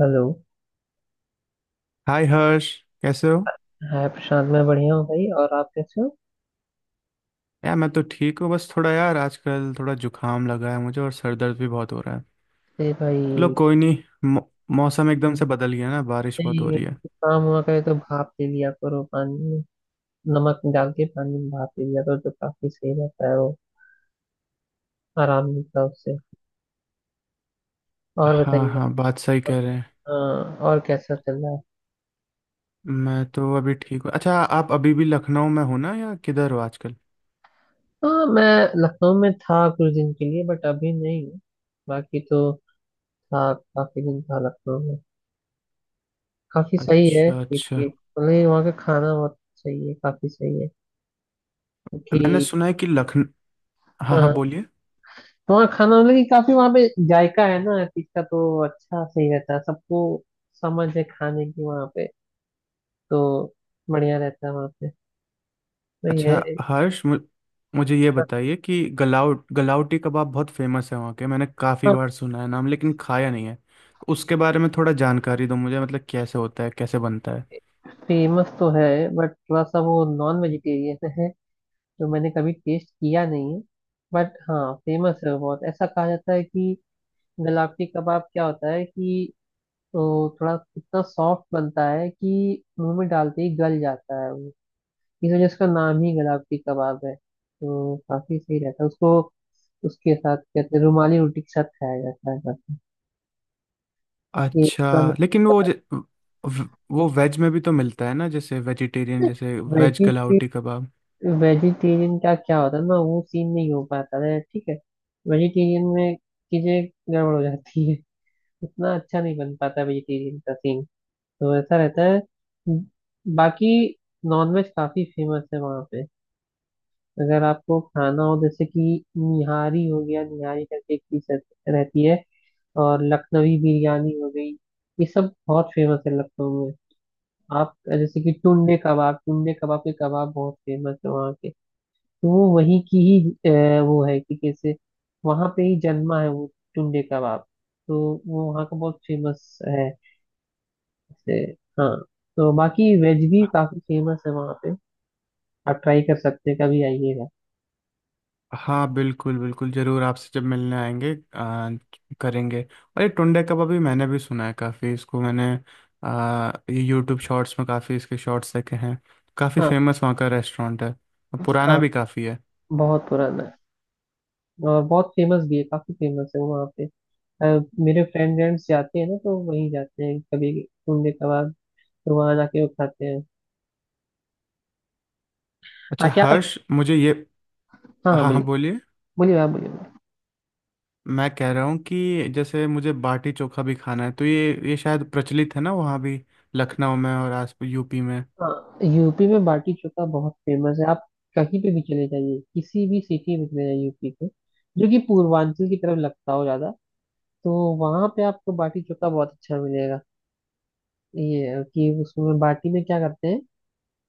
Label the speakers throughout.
Speaker 1: Hello.
Speaker 2: Hi Harsh. कैसे हो?
Speaker 1: Hi Prashant, मैं बढ़िया हूँ भाई। और आप कैसे हो?
Speaker 2: यार, मैं तो ठीक हूँ। बस थोड़ा यार आजकल थोड़ा जुकाम लगा है मुझे और सर दर्द भी बहुत हो रहा है।
Speaker 1: अरे
Speaker 2: चलो
Speaker 1: भाई,
Speaker 2: कोई नहीं। मौ, मौसम एकदम से बदल गया ना, बारिश बहुत हो
Speaker 1: नहीं
Speaker 2: रही है।
Speaker 1: कुछ काम हुआ करे तो भाप ले लिया करो पानी में। नमक डाल के पानी में भाप ले लिया करो तो काफी सही रहता है वो। आराम मिलता है उससे। और
Speaker 2: हाँ
Speaker 1: बताइए।
Speaker 2: हाँ, बात सही
Speaker 1: और
Speaker 2: कह रहे हैं।
Speaker 1: हाँ, और कैसा चल रहा है?
Speaker 2: मैं तो अभी ठीक हूँ। अच्छा, आप अभी भी लखनऊ में हो ना, या किधर हो आजकल?
Speaker 1: हाँ, मैं लखनऊ में था कुछ दिन के लिए बट अभी नहीं हूँ। बाकी तो था, काफी दिन था लखनऊ में। काफी सही है
Speaker 2: अच्छा अच्छा।
Speaker 1: क्योंकि मतलब वहाँ का खाना बहुत सही है, काफी सही है। क्योंकि
Speaker 2: मैंने सुना है कि लखनऊ। हाँ हाँ,
Speaker 1: हाँ
Speaker 2: बोलिए।
Speaker 1: हाँ, खाना मतलब कि काफी वहाँ पे जायका है ना हर चीज का। तो अच्छा सही रहता है सबको, समझ है खाने की वहाँ पे। तो बढ़िया रहता है वहाँ पे। तो
Speaker 2: अच्छा
Speaker 1: ये
Speaker 2: हर्ष, मुझे ये बताइए कि गलाउटी कबाब बहुत फेमस है वहाँ के। मैंने काफ़ी बार सुना है नाम, लेकिन खाया नहीं है। तो उसके बारे में थोड़ा जानकारी दो मुझे, मतलब कैसे होता है, कैसे बनता है?
Speaker 1: फेमस तो है बट थोड़ा सा वो नॉन वेजिटेरियन है, तो मैंने कभी टेस्ट किया नहीं है। बट हाँ, फेमस है वो बहुत। ऐसा कहा जाता है कि गलावटी कबाब क्या होता है कि वो थोड़ा इतना सॉफ्ट बनता है कि मुंह में डालते ही गल जाता है। इस वजह से उसका नाम ही गुलाब की कबाब है। तो काफी सही रहता है उसको। उसके साथ कहते हैं रुमाली रोटी के साथ खाया जाता है काफी।
Speaker 2: अच्छा, लेकिन वो वो वेज में भी तो मिलता है ना, जैसे वेजिटेरियन, जैसे वेज
Speaker 1: वेजिटे
Speaker 2: गलाउटी कबाब?
Speaker 1: वेजिटेरियन वेजिटेरियन का क्या होता है ना, वो सीन नहीं हो पाता है। ठीक है, वेजिटेरियन में चीजें गड़बड़ हो जाती है। उतना अच्छा नहीं बन पाता वेजिटेरियन का सीन। तो ऐसा रहता है। बाकी नॉनवेज काफी फेमस है वहाँ पे। अगर आपको खाना हो जैसे कि निहारी हो गया, निहारी करके एक चीज रहती है। और लखनवी बिरयानी हो गई। ये सब बहुत फेमस है लखनऊ में। आप जैसे कि टुंडे कबाब, टुंडे कबाब के कबाब बहुत फेमस है वहाँ के। तो वो वहीं की ही वो है कि कैसे वहाँ पे ही जन्मा है वो टुंडे कबाब। तो वो वहाँ का बहुत फेमस है। जैसे हाँ, तो बाकी वेज भी काफी फेमस है वहाँ पे। आप ट्राई कर सकते हैं कभी आइएगा।
Speaker 2: हाँ बिल्कुल बिल्कुल, ज़रूर। आपसे जब मिलने आएंगे करेंगे। और ये टुंडे कबाब भी मैंने भी सुना है, काफ़ी इसको मैंने ये यूट्यूब शॉर्ट्स में काफ़ी इसके शॉर्ट्स देखे हैं। काफ़ी
Speaker 1: हाँ
Speaker 2: फेमस वहाँ का रेस्टोरेंट है। और पुराना
Speaker 1: हाँ,
Speaker 2: भी काफ़ी है।
Speaker 1: बहुत पुराना है। और बहुत फेमस भी है, काफी फेमस है वो वहाँ पे। मेरे फ्रेंड्स जाते हैं ना, तो वहीं जाते हैं कभी घूमने कभार। तो वहाँ जाके वो खाते हैं।
Speaker 2: अच्छा
Speaker 1: हाँ क्या आप?
Speaker 2: हर्ष, मुझे ये।
Speaker 1: हाँ हाँ
Speaker 2: हाँ हाँ,
Speaker 1: बोलिए।
Speaker 2: बोलिए।
Speaker 1: बोलिए आप, बोलिए बोलिए।
Speaker 2: मैं कह रहा हूँ कि जैसे मुझे बाटी चोखा भी खाना है। तो ये शायद प्रचलित है ना वहाँ भी, लखनऊ में और आस यूपी में।
Speaker 1: हाँ, यूपी में बाटी चोखा बहुत फेमस है। आप कहीं पे भी चले जाइए, किसी भी सिटी में चले जाइए यूपी के जो कि पूर्वांचल की तरफ लगता हो ज्यादा, तो वहां पे आपको बाटी चोखा बहुत अच्छा मिलेगा। ये है कि उसमें बाटी में क्या करते हैं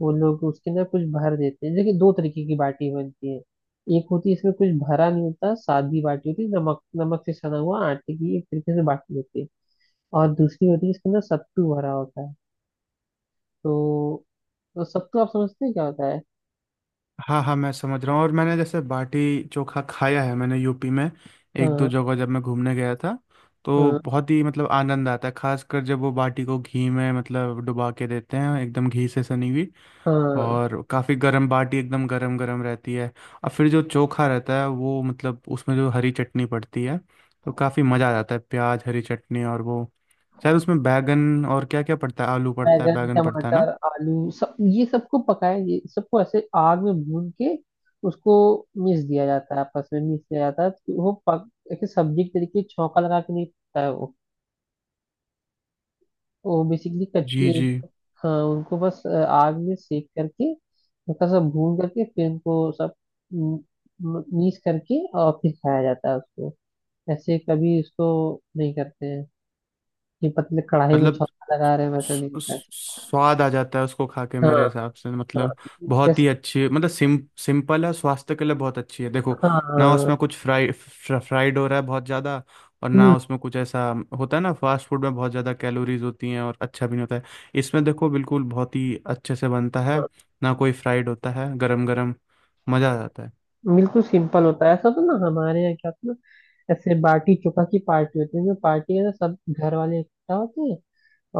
Speaker 1: वो लोग उसके अंदर कुछ भर देते हैं। देखिए दो तरीके की बाटी बनती है। एक होती है इसमें कुछ भरा नहीं होता, सादी बाटी होती है, नमक नमक से सना हुआ आटे की एक तरीके से बाटी होती है। और दूसरी होती है इसके अंदर सत्तू भरा होता है। तो, तो सत्तू आप समझते हैं क्या होता है?
Speaker 2: हाँ हाँ, मैं समझ रहा हूँ। और मैंने जैसे बाटी चोखा खाया है मैंने, यूपी में एक दो
Speaker 1: हाँ
Speaker 2: जगह जब मैं घूमने गया था। तो
Speaker 1: हाँ।
Speaker 2: बहुत ही मतलब आनंद आता है, खासकर जब वो बाटी को घी में मतलब डुबा के देते हैं, एकदम घी से सनी हुई।
Speaker 1: हाँ
Speaker 2: और काफ़ी गर्म बाटी एकदम गरम गरम रहती है। और फिर जो चोखा रहता है वो, मतलब उसमें जो हरी चटनी पड़ती है, तो काफ़ी मज़ा आ जाता है। प्याज, हरी चटनी और वो शायद उसमें बैगन और क्या क्या पड़ता है, आलू पड़ता है,
Speaker 1: बैंगन
Speaker 2: बैगन पड़ता है ना?
Speaker 1: टमाटर आलू सब, ये सबको पकाया, ये सबको ऐसे आग में भून के उसको मिक्स दिया जाता है, आपस में मिक्स किया जाता है। तो वो पक एक सब्जी के तरीके छौंका लगा के नहीं पकता है वो। तो वो बेसिकली
Speaker 2: जी
Speaker 1: कच्ची।
Speaker 2: जी।
Speaker 1: हाँ, उनको बस आग में सेक करके हल्का सा भून करके फिर उनको सब मीस करके और फिर खाया जाता है उसको। ऐसे कभी उसको नहीं करते हैं कि पतले कढ़ाई में
Speaker 2: मतलब
Speaker 1: छौंका लगा रहे हैं, वैसा नहीं होता है।
Speaker 2: स्वाद आ जाता है उसको खा के, मेरे
Speaker 1: हाँ
Speaker 2: हिसाब से मतलब बहुत
Speaker 1: जैसे
Speaker 2: ही अच्छी, मतलब सिम सिंपल है, स्वास्थ्य के लिए बहुत अच्छी है, देखो।
Speaker 1: हाँ
Speaker 2: ना
Speaker 1: हाँ।
Speaker 2: उसमें कुछ फ्राइड हो रहा है बहुत ज़्यादा, और ना
Speaker 1: हम्म
Speaker 2: उसमें कुछ ऐसा होता है ना, फास्ट फूड में बहुत ज़्यादा कैलोरीज होती हैं और अच्छा भी नहीं होता है। इसमें देखो बिल्कुल बहुत ही अच्छे से बनता है, ना कोई फ्राइड होता है, गरम गरम मज़ा आ जाता है।
Speaker 1: बिल्कुल सिंपल होता है, ऐसा तो ना। हमारे यहाँ क्या होता है ना, ऐसे बाटी चोखा की पार्टी होती है। जो पार्टी है ना, सब घर वाले इकट्ठा होते हैं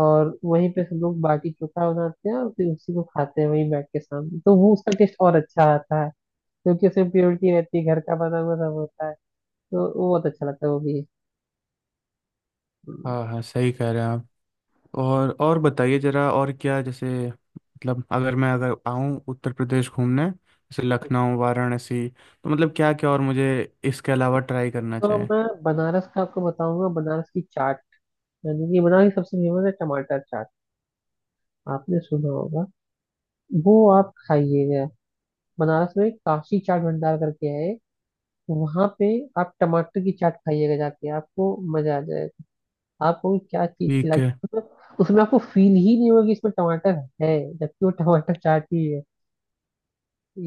Speaker 1: और वहीं पे सब लोग बाटी चोखा बनाते हैं और फिर उसी को खाते हैं वहीं बैठ के सामने, तो वो उसका टेस्ट और अच्छा आता है, क्योंकि उसमें प्योरिटी रहती है, घर का बना हुआ सब होता है। तो वो बहुत अच्छा लगता है वो भी। हम्म।
Speaker 2: हाँ हाँ, सही कह रहे हैं आप। और बताइए जरा, और क्या जैसे मतलब अगर आऊँ उत्तर प्रदेश घूमने, जैसे लखनऊ वाराणसी, तो मतलब क्या क्या और मुझे इसके अलावा ट्राई करना
Speaker 1: तो
Speaker 2: चाहिए?
Speaker 1: मैं बनारस का आपको बताऊंगा, बनारस की चाट, यानी कि बनारस की सबसे फेमस है टमाटर चाट। आपने सुना होगा। वो आप खाइएगा। बनारस में काशी चाट भंडार करके है, वहां पे आप टमाटर की चाट खाइएगा जाके, आपको मजा आ जाएगा। आपको क्या चीज
Speaker 2: ठीक
Speaker 1: खिलाती
Speaker 2: है।
Speaker 1: है, मतलब उसमें आपको फील ही नहीं होगा कि इसमें टमाटर है, जबकि वो टमाटर चाट ही है।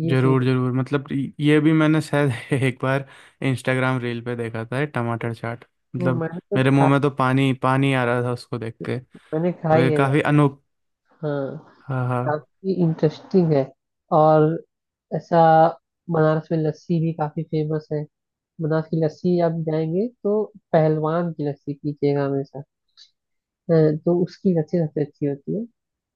Speaker 1: ये
Speaker 2: जरूर
Speaker 1: सीन।
Speaker 2: जरूर, मतलब ये भी मैंने शायद एक बार इंस्टाग्राम रील पे देखा था, ये टमाटर चाट।
Speaker 1: नहीं
Speaker 2: मतलब
Speaker 1: मैंने तो
Speaker 2: मेरे मुंह
Speaker 1: खा,
Speaker 2: में तो पानी पानी आ रहा था उसको देख के।
Speaker 1: मैंने
Speaker 2: तो
Speaker 1: खाई
Speaker 2: ये
Speaker 1: है
Speaker 2: काफी
Speaker 1: जाके।
Speaker 2: अनोख।
Speaker 1: हाँ,
Speaker 2: हाँ हाँ,
Speaker 1: काफी इंटरेस्टिंग है। और ऐसा बनारस में लस्सी भी काफी फेमस है। बनारस की लस्सी आप जाएंगे तो पहलवान की लस्सी पीजिएगा हमेशा। हाँ, तो उसकी लस्सी सबसे अच्छी होती है।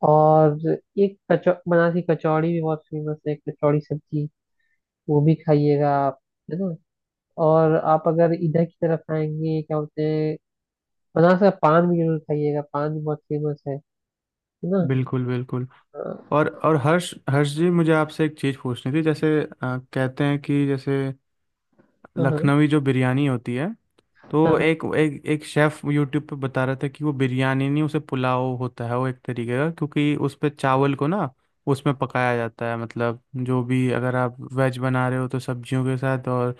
Speaker 1: और एक कचौ, बनारस की कचौड़ी भी बहुत फेमस है, कचौड़ी सब्जी। वो भी खाइएगा आप। है ना। और आप अगर इधर की तरफ आएंगे क्या बोलते हैं, बनारस का पान भी जरूर खाइएगा, पान भी बहुत फेमस है। है ना।
Speaker 2: बिल्कुल बिल्कुल।
Speaker 1: हाँ
Speaker 2: और हर्ष हर्ष जी, मुझे आपसे एक चीज़ पूछनी थी, जैसे कहते हैं कि जैसे
Speaker 1: हाँ हाँ
Speaker 2: लखनवी जो बिरयानी होती है, तो
Speaker 1: हाँ।
Speaker 2: एक एक एक शेफ यूट्यूब पे बता रहा था कि वो बिरयानी नहीं, उसे पुलाव होता है वो, एक तरीके का, क्योंकि उस पे चावल को ना उसमें पकाया जाता है, मतलब जो भी अगर आप वेज बना रहे हो तो सब्जियों के साथ, और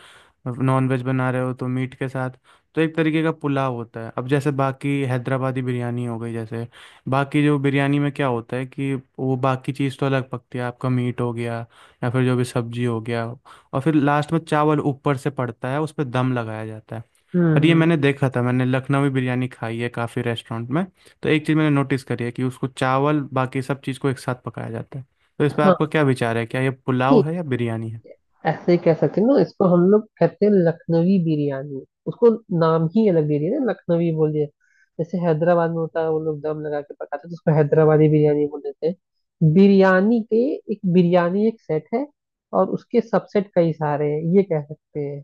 Speaker 2: नॉन वेज बना रहे हो तो मीट के साथ। तो एक तरीके का पुलाव होता है। अब जैसे बाकी हैदराबादी बिरयानी हो गई, जैसे बाकी जो बिरयानी में क्या होता है कि वो बाकी चीज़ तो अलग पकती है, आपका मीट हो गया या फिर जो भी सब्जी हो गया, और फिर लास्ट में चावल ऊपर से पड़ता है, उस पर दम लगाया जाता है।
Speaker 1: हम्म,
Speaker 2: पर ये
Speaker 1: हम्म,
Speaker 2: मैंने देखा था, मैंने लखनवी बिरयानी खाई है काफ़ी रेस्टोरेंट में। तो एक चीज़ मैंने नोटिस करी है कि उसको चावल बाकी सब चीज़ को एक साथ पकाया जाता है। तो इस पर आपका
Speaker 1: हाँ।
Speaker 2: क्या विचार है, क्या ये पुलाव
Speaker 1: नहीं,
Speaker 2: है या बिरयानी है?
Speaker 1: ऐसे ही कह सकते हैं ना, इसको हम लोग कहते हैं लखनवी बिरयानी उसको। नाम ही अलग दे दिया ना लखनवी बोल दिया। जैसे हैदराबाद में होता है वो लोग दम लगा के पकाते हैं, तो उसको हैदराबादी बिरयानी बोल देते हैं। बिरयानी के, एक बिरयानी एक सेट है और उसके सबसेट कई सारे हैं, ये कह सकते हैं।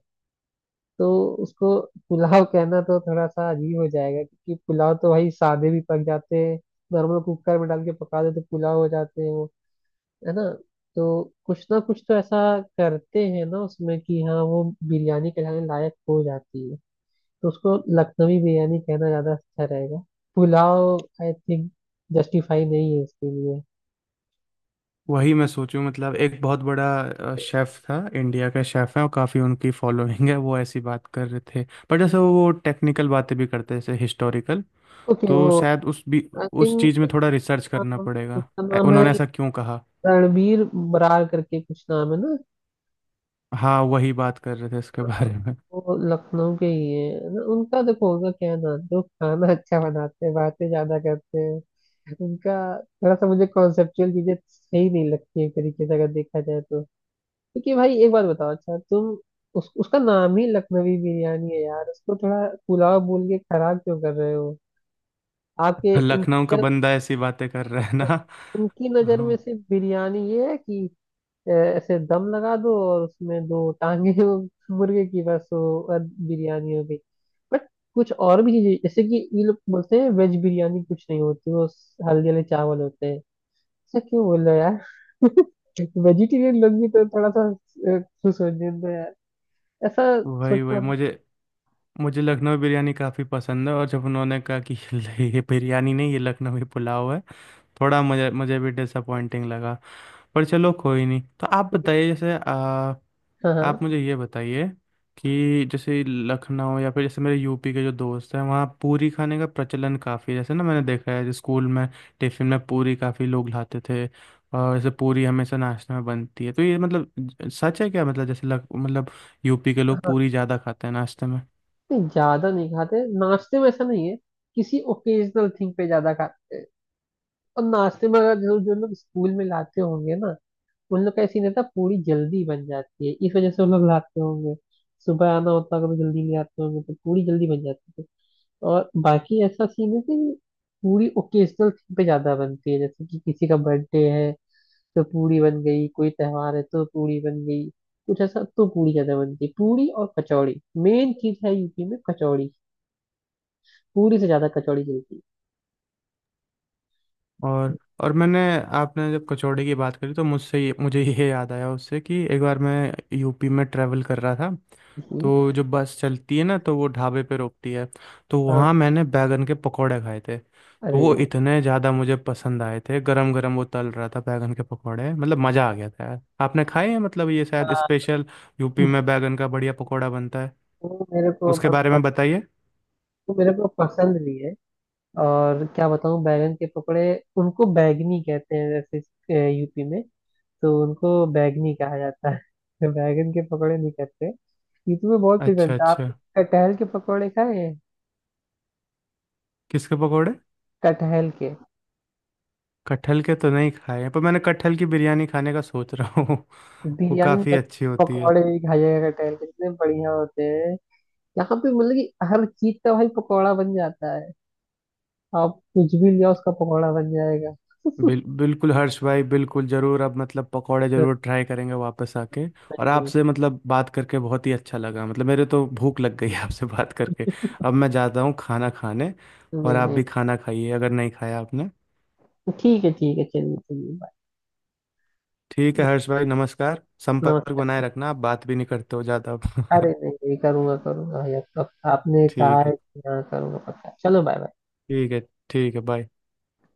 Speaker 1: तो उसको पुलाव कहना तो थोड़ा सा अजीब हो जाएगा क्योंकि पुलाव तो भाई सादे भी पक जाते हैं। नॉर्मल कुकर में डाल के पका दो तो पुलाव हो जाते हैं वो। है ना। तो कुछ ना कुछ तो ऐसा करते हैं ना उसमें कि हाँ, वो बिरयानी कहलाने लायक हो जाती है। तो उसको लखनवी बिरयानी कहना ज्यादा अच्छा रहेगा। पुलाव आई थिंक जस्टिफाई नहीं है इसके लिए।
Speaker 2: वही मैं सोचूं, मतलब एक बहुत बड़ा शेफ था, इंडिया का शेफ है और काफ़ी उनकी फॉलोइंग है, वो ऐसी बात कर रहे थे। पर जैसे वो टेक्निकल बातें भी करते हैं, जैसे हिस्टोरिकल।
Speaker 1: ओके
Speaker 2: तो
Speaker 1: वो
Speaker 2: शायद
Speaker 1: आई
Speaker 2: उस
Speaker 1: थिंक,
Speaker 2: चीज़ में थोड़ा
Speaker 1: उसका
Speaker 2: रिसर्च करना
Speaker 1: नाम,
Speaker 2: पड़ेगा।
Speaker 1: उसका नाम है
Speaker 2: उन्होंने ऐसा क्यों कहा?
Speaker 1: रणबीर बरार करके कुछ नाम है ना।
Speaker 2: हाँ, वही बात कर रहे थे इसके बारे में।
Speaker 1: वो लखनऊ के ही है न- उनका, देखो उनका क्या है ना, जो खाना अच्छा बनाते हैं बातें ज्यादा करते हैं। उनका थोड़ा सा मुझे कॉन्सेप्चुअल चीजें सही नहीं लगती, एक तरीके से अगर देखा जाए तो। क्योंकि भाई एक बात बताओ, अच्छा तुम, उसका नाम ही लखनवी बिरयानी है यार, उसको थोड़ा पुलाव बोल के खराब क्यों कर रहे हो। आपके
Speaker 2: लखनऊ
Speaker 1: उनकी
Speaker 2: का
Speaker 1: नजर,
Speaker 2: बंदा ऐसी बातें कर रहा है ना।
Speaker 1: उनकी नजर
Speaker 2: हाँ
Speaker 1: में सिर्फ बिरयानी ये है कि ऐसे दम लगा दो और उसमें दो टांगे हो मुर्गे की, बस वो और बिरयानी हो गई। बट कुछ और भी चीजें जैसे कि ये लोग बोलते हैं वेज बिरयानी कुछ नहीं होती, वो स- हल्दी वाले चावल होते हैं। ऐसा क्यों बोल रहे हो यार। वेजिटेरियन लोग भी तो थोड़ा सा खुश हो जाते हैं यार, ऐसा
Speaker 2: वही
Speaker 1: सोचता
Speaker 2: वही
Speaker 1: हूँ।
Speaker 2: मुझे मुझे लखनवी बिरयानी काफ़ी पसंद है, और जब उन्होंने कहा कि ये बिरयानी नहीं, ये लखनवी पुलाव है, थोड़ा मुझे मुझे भी डिसअपॉइंटिंग लगा। पर चलो कोई नहीं। तो आप बताइए, जैसे
Speaker 1: हाँ
Speaker 2: आप
Speaker 1: हाँ
Speaker 2: मुझे ये बताइए कि जैसे लखनऊ या फिर जैसे मेरे यूपी के जो दोस्त हैं, वहाँ पूरी खाने का प्रचलन काफ़ी है जैसे, ना मैंने देखा है जैसे स्कूल में टिफिन में पूरी काफ़ी लोग लाते थे। और जैसे पूरी हमेशा नाश्ते में बनती है, तो ये मतलब सच है क्या, मतलब जैसे मतलब यूपी के लोग
Speaker 1: हाँ।
Speaker 2: पूरी ज़्यादा खाते हैं नाश्ते में?
Speaker 1: नहीं, ज्यादा नहीं खाते नाश्ते में, ऐसा नहीं है। किसी ओकेजनल थिंग पे ज्यादा खाते हैं। और नाश्ते में अगर जो जो लोग स्कूल में लाते होंगे ना, उन लोग का ऐसी रहता है, पूरी जल्दी बन जाती है, इस वजह से वो लोग लाते होंगे। सुबह आना होता है, कभी जल्दी ले आते होंगे तो पूरी जल्दी बन जाती है। और बाकी ऐसा सीन है कि पूरी ओकेजनल थिंग पे ज्यादा बनती है, जैसे कि किसी का बर्थडे है तो पूरी बन गई, कोई त्योहार है तो पूरी बन गई, कुछ ऐसा। तो पूरी ज्यादा बनती है। पूरी और कचौड़ी मेन चीज है यूपी में, कचौड़ी पूरी से ज्यादा कचौड़ी चलती
Speaker 2: और
Speaker 1: है।
Speaker 2: और मैंने आपने जब कचौड़ी की बात करी तो मुझसे ये मुझे ये याद आया उससे, कि एक बार मैं यूपी में ट्रैवल कर रहा था।
Speaker 1: जी,
Speaker 2: तो जो बस चलती है ना, तो वो ढाबे पे रोकती है। तो
Speaker 1: अ,
Speaker 2: वहाँ मैंने बैगन के पकौड़े खाए थे। तो
Speaker 1: अरे
Speaker 2: वो इतने ज़्यादा मुझे पसंद आए थे, गरम गरम वो तल रहा था बैगन के पकौड़े, मतलब मज़ा आ गया था यार। आपने खाए हैं? मतलब ये शायद
Speaker 1: हाँ,
Speaker 2: स्पेशल यूपी में बैगन का बढ़िया पकौड़ा बनता है।
Speaker 1: वो मेरे को
Speaker 2: उसके
Speaker 1: बहुत
Speaker 2: बारे
Speaker 1: पस-,
Speaker 2: में बताइए।
Speaker 1: वो मेरे को पसंद भी है। और क्या बताऊं, बैगन के पकौड़े, उनको बैगनी कहते हैं जैसे यूपी में। तो उनको बैगनी कहा जाता है, बैगन के पकौड़े नहीं कहते। यूपी में बहुत कुछ
Speaker 2: अच्छा
Speaker 1: बनता है आप।
Speaker 2: अच्छा।
Speaker 1: कटहल के पकौड़े खाए हैं?
Speaker 2: किसके पकौड़े?
Speaker 1: कटहल के,
Speaker 2: कटहल के तो नहीं खाए हैं, पर मैंने कटहल की बिरयानी खाने का सोच रहा हूँ। वो
Speaker 1: बिरयानी में
Speaker 2: काफ़ी
Speaker 1: कट-,
Speaker 2: अच्छी होती है।
Speaker 1: पकौड़े भी खाइएगा कटहल के, इतने बढ़िया होते हैं। यहाँ पे मतलब कि हर चीज का भाई पकौड़ा बन जाता है। आप कुछ भी लिया उसका पकौड़ा बन जाएगा।
Speaker 2: बिल्कुल हर्ष भाई, बिल्कुल ज़रूर। अब मतलब पकौड़े ज़रूर ट्राई करेंगे वापस आके। और
Speaker 1: नहीं
Speaker 2: आपसे मतलब बात करके बहुत ही अच्छा लगा, मतलब मेरे तो भूख लग गई है आपसे बात करके। अब मैं जाता हूँ खाना खाने,
Speaker 1: नहीं
Speaker 2: और
Speaker 1: नहीं
Speaker 2: आप
Speaker 1: नहीं।
Speaker 2: भी खाना खाइए अगर नहीं खाया आपने।
Speaker 1: ठीक है ठीक है, चलिए चलिए बाय।
Speaker 2: ठीक है हर्ष भाई, नमस्कार। संपर्क बनाए
Speaker 1: नमस्कार।
Speaker 2: रखना, आप बात भी नहीं करते हो ज़्यादा।
Speaker 1: अरे नहीं, नहीं करूँगा करूँगा ये तो, आपने कहा
Speaker 2: ठीक है,
Speaker 1: है कि हाँ करूँगा पक्का। चलो बाय बाय।
Speaker 2: ठीक है, ठीक है, बाय।